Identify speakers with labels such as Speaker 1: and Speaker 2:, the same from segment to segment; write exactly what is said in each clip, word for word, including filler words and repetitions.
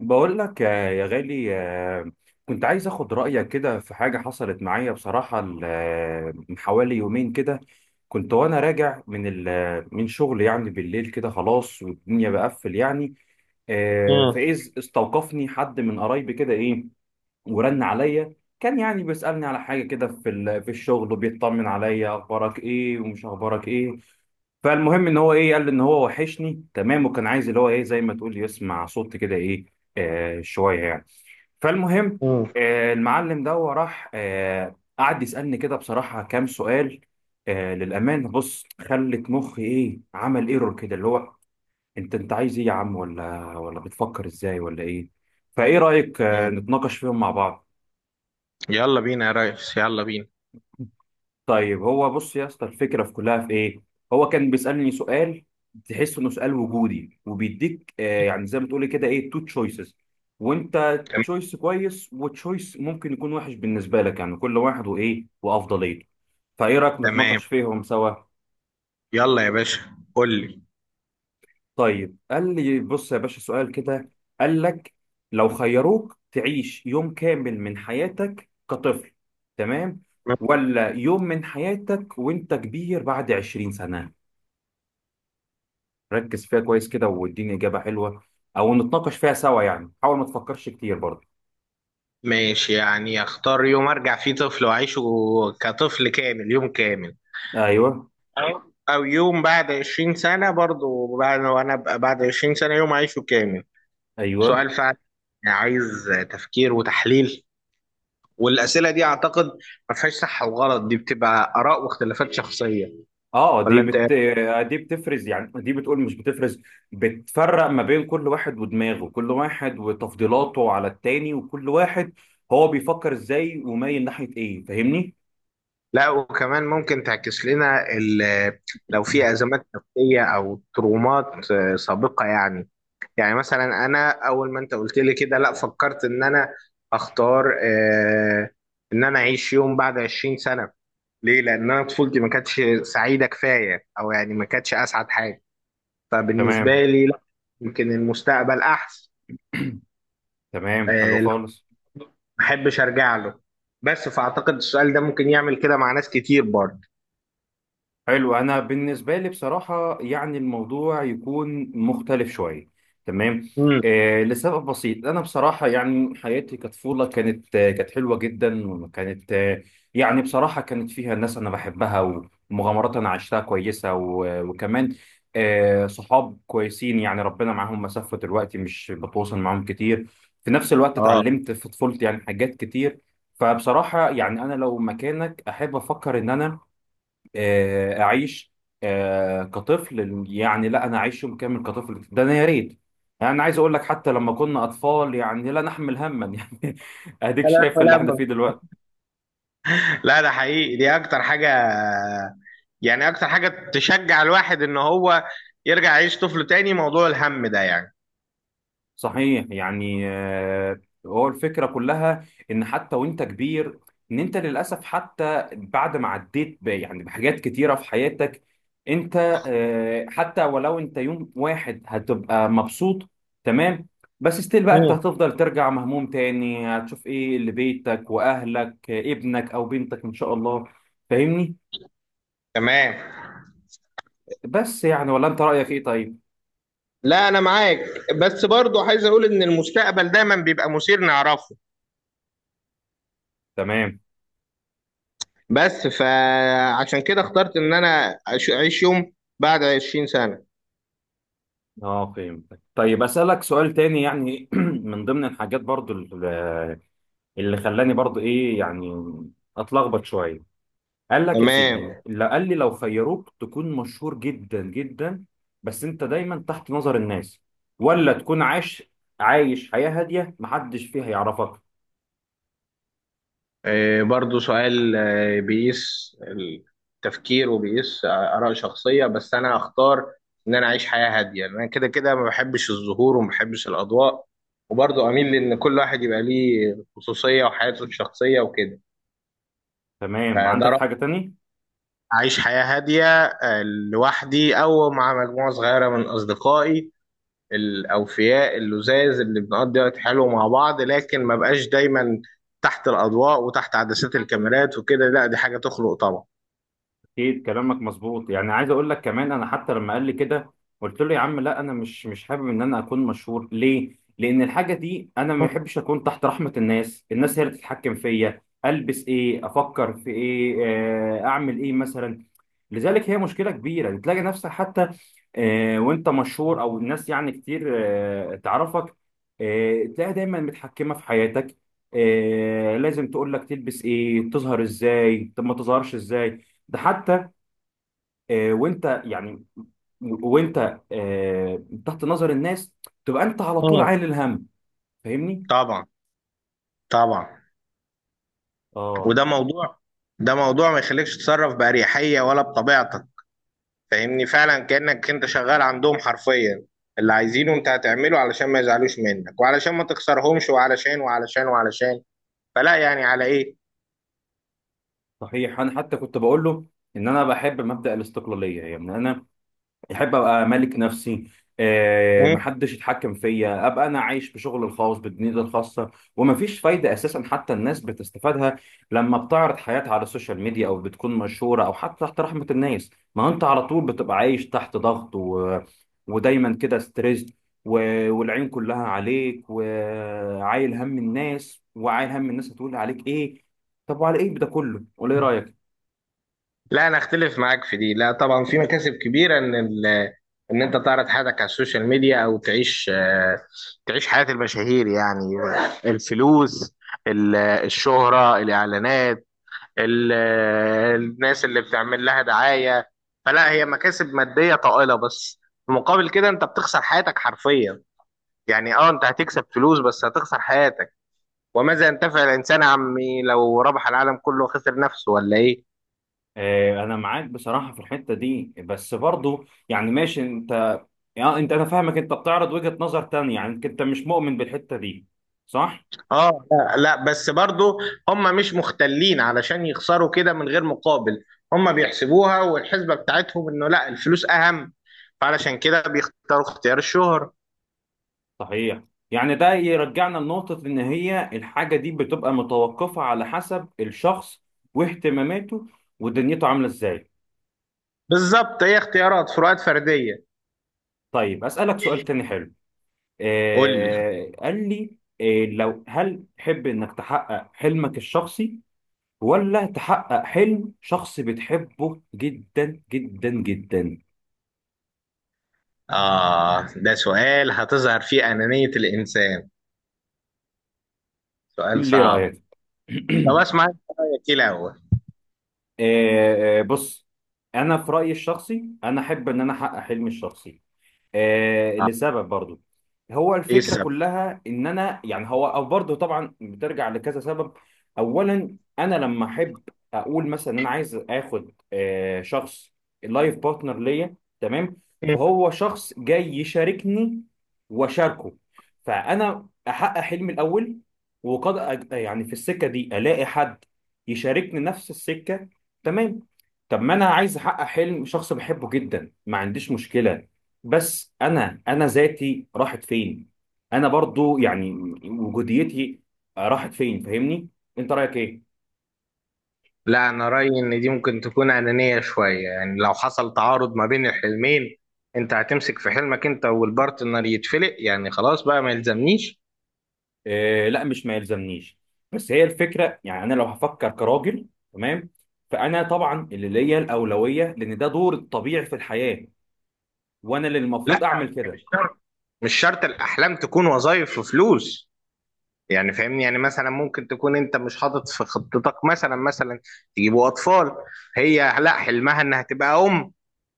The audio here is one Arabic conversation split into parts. Speaker 1: بقول لك، آه، يا غالي. آه، كنت عايز اخد رأيك كده في حاجة حصلت معايا بصراحة، ال- آه، من حوالي يومين كده. كنت وانا راجع من ال- آه، من شغل، يعني بالليل كده خلاص والدنيا بقفل يعني. آه،
Speaker 2: مم.
Speaker 1: فإذ استوقفني حد من قرايبي كده، ايه، ورن عليا. كان يعني بيسألني على حاجة كده في ال- في الشغل، وبيطمن عليا اخبارك ايه ومش اخبارك ايه. فالمهم ان هو ايه، قال لي ان هو وحشني، تمام، وكان عايز اللي هو ايه، زي ما تقول يسمع صوت كده، ايه آه شويه يعني. فالمهم،
Speaker 2: مم.
Speaker 1: آه المعلم ده راح آه قعد يسالني كده بصراحه كام سؤال. آه للامانه بص، خلت مخي ايه، عمل ايرور كده، اللي هو: انت انت عايز ايه يا عم، ولا ولا بتفكر ازاي، ولا ايه؟ فايه رايك آه
Speaker 2: مم.
Speaker 1: نتناقش فيهم مع بعض.
Speaker 2: يلا بينا يا ريس، يلا بينا.
Speaker 1: طيب هو بص يا اسطى، الفكره في كلها في ايه. هو كان بيسالني سؤال، تحس انه سؤال وجودي وبيديك، آه يعني زي ما تقولي كده ايه، تو تشويسز. وانت
Speaker 2: تم-
Speaker 1: تشويس كويس وتشويس ممكن يكون وحش بالنسبه لك، يعني كل واحد وايه وافضليته. فايه رايك
Speaker 2: تمام.
Speaker 1: نتناقش فيهم سوا.
Speaker 2: يلا يا باشا، قول لي.
Speaker 1: طيب قال لي: بص يا باشا، سؤال كده. قال لك: لو خيروك تعيش يوم كامل من حياتك كطفل، تمام،
Speaker 2: مم.
Speaker 1: ولا يوم من حياتك وانت كبير بعد عشرين سنه؟ ركز فيها كويس كده واديني إجابة حلوة، أو نتناقش فيها سوا، يعني حاول ما تفكرش كتير برضه.
Speaker 2: ماشي، يعني اختار يوم ارجع فيه طفل واعيشه كطفل كامل، يوم كامل،
Speaker 1: أيوه.
Speaker 2: أو- او يوم بعد عشرين سنة، برضو بعد وانا ابقى بعد عشرين سنة يوم اعيشه كامل.
Speaker 1: أيوه.
Speaker 2: سؤال فعلا، يعني عايز تفكير وتحليل. والاسئلة دي اعتقد ما فيهاش صح وغلط، دي بتبقى اراء واختلافات شخصية،
Speaker 1: أه، دي
Speaker 2: ولا انت؟
Speaker 1: بت... دي بتفرز، يعني دي بتقول، مش بتفرز، بتفرق ما بين كل واحد ودماغه، كل واحد وتفضيلاته على التاني، وكل واحد هو بيفكر إزاي ومايل ناحية إيه، فاهمني؟
Speaker 2: لا، وكمان ممكن تعكس لنا ال- لو في ازمات نفسيه او ترومات آه، سابقه. يعني، يعني مثلا انا اول ما انت قلت لي كده، لا، فكرت ان انا اختار آه، ان انا اعيش يوم بعد عشرين سنه. ليه؟ لان انا طفولتي ما كانتش سعيده كفايه، او يعني ما كانتش اسعد حاجه، فبالنسبه
Speaker 1: تمام.
Speaker 2: لي لا. يمكن المستقبل احسن.
Speaker 1: تمام، حلو
Speaker 2: آه، لا،
Speaker 1: خالص.
Speaker 2: ما احبش ارجع له، بس فاعتقد السؤال ده ممكن يعمل كده مع ناس كتير برضه.
Speaker 1: حلو، انا بالنسبه لي بصراحه يعني الموضوع يكون مختلف شويه، تمام.
Speaker 2: امم.
Speaker 1: آه لسبب بسيط، انا بصراحه يعني حياتي كطفوله كانت، آه كانت حلوه جدا، وكانت، آه يعني بصراحه كانت فيها ناس انا بحبها، ومغامرات انا عشتها كويسه، و- وكمان آه صحاب كويسين، يعني ربنا معاهم مسافه دلوقتي، مش بتواصل معاهم كتير. في نفس الوقت اتعلمت في طفولتي يعني حاجات كتير. فبصراحه يعني انا لو مكانك، احب افكر ان انا آه، اعيش آه، كطفل، يعني لا، انا اعيش يوم كامل كطفل، ده انا يا ريت. يعني انا عايز اقول لك، حتى لما كنا اطفال يعني لا نحمل هما يعني اديك شايف اللي احنا
Speaker 2: اه،
Speaker 1: فيه دلوقتي.
Speaker 2: لا ده حقيقي، دي اكتر حاجة، يعني اكتر حاجة تشجع الواحد ان هو يرجع يعيش طفل تاني موضوع الهم ده يعني.
Speaker 1: صحيح، يعني آه، هو الفكرة كلها، إن حتى وأنت كبير، إن أنت للأسف حتى بعد ما عديت ب- يعني بحاجات كتيرة في حياتك، أنت، آه، حتى ولو أنت يوم واحد هتبقى مبسوط، تمام، بس ستيل بقى أنت
Speaker 2: مم.
Speaker 1: هتفضل ترجع مهموم تاني، هتشوف إيه لبيتك وأهلك، آه، ابنك أو بنتك إن شاء الله، فاهمني؟
Speaker 2: تمام.
Speaker 1: بس يعني، ولا أنت رأيك إيه طيب؟
Speaker 2: لا انا معاك، بس برضو عايز اقول ان المستقبل دايما بيبقى مثير نعرفه،
Speaker 1: تمام.
Speaker 2: بس فعشان كده اخترت ان انا أش- اعيش يوم بعد عشرين سنة.
Speaker 1: اه فهمتك. طيب اسالك سؤال تاني يعني من ضمن الحاجات برضو ال- اللي خلاني برضو ايه، يعني اتلخبط شويه. قال لك يا سيدي،
Speaker 2: تمام.
Speaker 1: لا قال لي: لو خيروك تكون مشهور جدا جدا، بس انت دايما تحت نظر الناس، ولا تكون عايش عايش حياه هاديه محدش فيها يعرفك.
Speaker 2: آه، برضو سؤال آه، بيقيس التفكير وبيقيس آه، آراء شخصية. بس أنا هختار إن أنا أعيش حياة هادية، لأن أنا كده كده ما بحبش الظهور وما بحبش الأضواء، وبرضو أميل لأن كل واحد يبقى ليه خصوصية وحياته الشخصية وكده.
Speaker 1: تمام.
Speaker 2: فده
Speaker 1: عندك
Speaker 2: رأيي،
Speaker 1: حاجه تاني.
Speaker 2: أعيش حياة هادية آه، لوحدي أو مع مجموعة صغيرة من أصدقائي الأوفياء اللذاذ اللي بنقضي وقت حلو مع بعض، لكن ما بقاش دايما تحت الأضواء وتحت عدسات الكاميرات وكده، لا، دي حاجة تخلق طبعا.
Speaker 1: اكيد كلامك مظبوط، يعني عايز اقول لك كمان، انا حتى لما قال لي كده قلت له: يا عم لا، انا مش مش حابب ان انا اكون مشهور. ليه؟ لان الحاجه دي انا ما بحبش اكون تحت رحمه الناس، الناس هي اللي تتحكم فيا البس ايه، افكر في ايه، آه، اعمل ايه مثلا. لذلك هي مشكله كبيره، يعني تلاقي نفسك حتى، آه، وانت مشهور او الناس يعني كتير آه، تعرفك، آه، تلاقيها دايما متحكمه في حياتك، آه، لازم تقول لك تلبس ايه، تظهر ازاي، طب ما تظهرش ازاي. ده حتى آه، وانت يعني، وانت آه، تحت نظر الناس، تبقى انت على طول
Speaker 2: اه،
Speaker 1: عايل الهم، فاهمني؟
Speaker 2: طبعا، طبعا.
Speaker 1: اه
Speaker 2: وده موضوع، ده موضوع ما يخليكش تتصرف بأريحية ولا بطبيعتك. فاهمني؟ فعلا كأنك انت شغال عندهم حرفيا، اللي عايزينه انت هتعمله علشان ما يزعلوش منك، وعلشان ما تخسرهمش، وعلشان وعلشان وعلشان. فلا، يعني على ايه؟
Speaker 1: صحيح، انا حتى كنت بقول له ان انا بحب مبدأ الاستقلاليه، يعني انا احب ابقى مالك نفسي، آه،
Speaker 2: مم؟
Speaker 1: محدش يتحكم فيا، ابقى انا عايش بشغل الخاص بدنيتي الخاصه. ومفيش فايده اساسا، حتى الناس بتستفادها لما بتعرض حياتها على السوشيال ميديا، او بتكون مشهوره، او حتى تحت رحمه الناس. ما انت على طول بتبقى عايش تحت ضغط، و... ودايما كده ستريس، و... والعين كلها عليك، وعايل هم الناس، وعايل هم الناس هتقول عليك ايه. طب وعلى ايه ده كله، ولا ايه رايك؟
Speaker 2: لا انا اختلف معاك في دي، لا طبعا في مكاسب كبيرة ان ال... ان انت تعرض حياتك على السوشيال ميديا، او تعيش آه، تعيش حياة المشاهير. يعني الفلوس، ال- الشهرة، الاعلانات، ال- آه، الناس اللي بتعمل لها دعاية. فلا، هي مكاسب مادية طائلة، بس في مقابل كده انت بتخسر حياتك حرفيا. يعني اه، انت هتكسب فلوس بس هتخسر حياتك. وماذا ينتفع الانسان عمي لو ربح العالم كله وخسر نفسه؟ ولا ايه؟
Speaker 1: آه، انا معاك بصراحه في الحته دي، بس برضو يعني ماشي انت. يعني انت، انا فاهمك، انت بتعرض وجهه نظر تانية، يعني انت مش مؤمن بالحته دي، صح؟
Speaker 2: اه، لا لا، بس برضو هم مش مختلين علشان يخسروا كده من غير مقابل. هم بيحسبوها، والحسبة بتاعتهم انه لا، الفلوس اهم، فعلشان كده بيختاروا اختيار الشهرة.
Speaker 1: صحيح، يعني ده يرجعنا لنقطه ان هي الحاجه دي بتبقى متوقفه على حسب الشخص واهتماماته ودنيته عامله ازاي.
Speaker 2: بالظبط، هي اختيارات، فروقات فردية.
Speaker 1: طيب اسالك سؤال تاني حلو.
Speaker 2: قول لي.
Speaker 1: آه قال لي: آه لو، هل تحب انك تحقق حلمك الشخصي، ولا تحقق حلم شخص بتحبه جدا جدا جدا؟
Speaker 2: آه، ده سؤال هتظهر فيه أنانية الإنسان. سؤال
Speaker 1: قول لي
Speaker 2: صعب.
Speaker 1: رأيك.
Speaker 2: طب اسمع أنت، رأيك إيه الأول؟
Speaker 1: آه، آه، بص، انا في رأيي الشخصي انا احب ان انا احقق حلمي الشخصي، آه
Speaker 2: آه.
Speaker 1: لسبب برضو. هو
Speaker 2: إيه
Speaker 1: الفكرة
Speaker 2: السبب؟
Speaker 1: كلها ان انا، يعني هو او برضو طبعا بترجع لكذا سبب. اولا انا لما احب، اقول مثلا انا عايز اخد آه شخص، اللايف بارتنر ليا، تمام. فهو شخص جاي يشاركني واشاركه، فانا احقق حلمي الاول، وقد أج- يعني في السكة دي الاقي حد يشاركني نفس السكة، تمام. طب ما انا عايز احقق حلم شخص بحبه جدا، ما عنديش مشكلة، بس انا انا ذاتي راحت فين؟ انا برضو يعني وجوديتي راحت فين، فاهمني؟ انت رايك ايه؟
Speaker 2: لا، أنا رأيي إن دي ممكن تكون أنانية شوية. يعني لو حصل تعارض ما بين الحلمين، أنت هتمسك في حلمك أنت والبارتنر يتفلق، يعني خلاص بقى ما يلزمنيش.
Speaker 1: آه لا مش ما يلزمنيش. بس هي الفكره، يعني انا لو هفكر كراجل، تمام، فانا طبعا اللي ليا الاولويه، لان ده دور الطبيعي في الحياه، وانا اللي
Speaker 2: لا،
Speaker 1: المفروض اعمل
Speaker 2: مش
Speaker 1: كده.
Speaker 2: شرط. مش شرط الأحلام تكون وظائف وفلوس. يعني فاهمني، يعني مثلا ممكن تكون انت مش حاطط في خطتك مثلا، مثلا تجيبوا اطفال، هي لا، حلمها انها تبقى ام،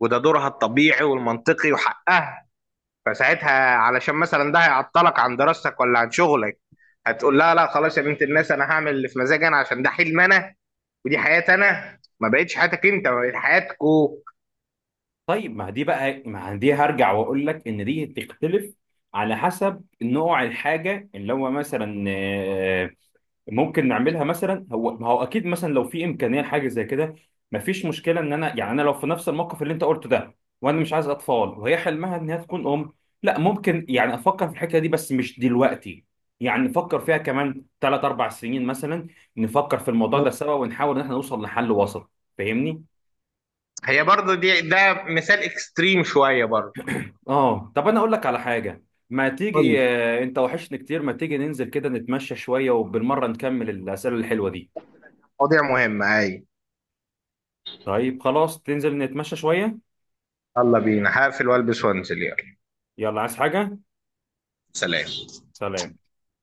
Speaker 2: وده دورها الطبيعي والمنطقي وحقها. فساعتها علشان مثلا ده هيعطلك عن دراستك ولا عن شغلك، هتقول لها لا خلاص يا بنت الناس، انا هعمل اللي في مزاجي انا، عشان ده حلم انا، ودي حياتي انا، ما بقتش حياتك انت، بقت حياتكو.
Speaker 1: طيب، ما دي بقى ما دي هرجع واقول لك ان دي تختلف على حسب نوع الحاجه، اللي هو مثلا آه، ممكن نعملها مثلا. هو، ما هو اكيد مثلا لو في امكانيه لحاجه زي كده، مفيش مشكله ان انا، يعني انا لو في نفس الموقف اللي انت قلته ده، وانا مش عايز اطفال وهي حلمها ان هي تكون ام، لا ممكن يعني افكر في الحكايه دي، بس مش دلوقتي، يعني نفكر فيها كمان ثلاث اربع سنين مثلا، نفكر في الموضوع ده سوا ونحاول ان احنا نوصل لحل وسط، فاهمني؟
Speaker 2: هي برضو دي، ده مثال اكستريم شوية برضو.
Speaker 1: اه طب، انا اقول لك على حاجه. ما
Speaker 2: قول
Speaker 1: تيجي،
Speaker 2: لي،
Speaker 1: آه، انت وحشني كتير، ما تيجي ننزل كده نتمشى شويه وبالمره نكمل الاسئله الحلوه دي؟
Speaker 2: مواضيع مهمة اي.
Speaker 1: طيب خلاص، تنزل نتمشى شويه.
Speaker 2: يلا بينا، هقفل والبس وانزل، يلا.
Speaker 1: يلا، عايز حاجة؟
Speaker 2: سلام.
Speaker 1: سلام.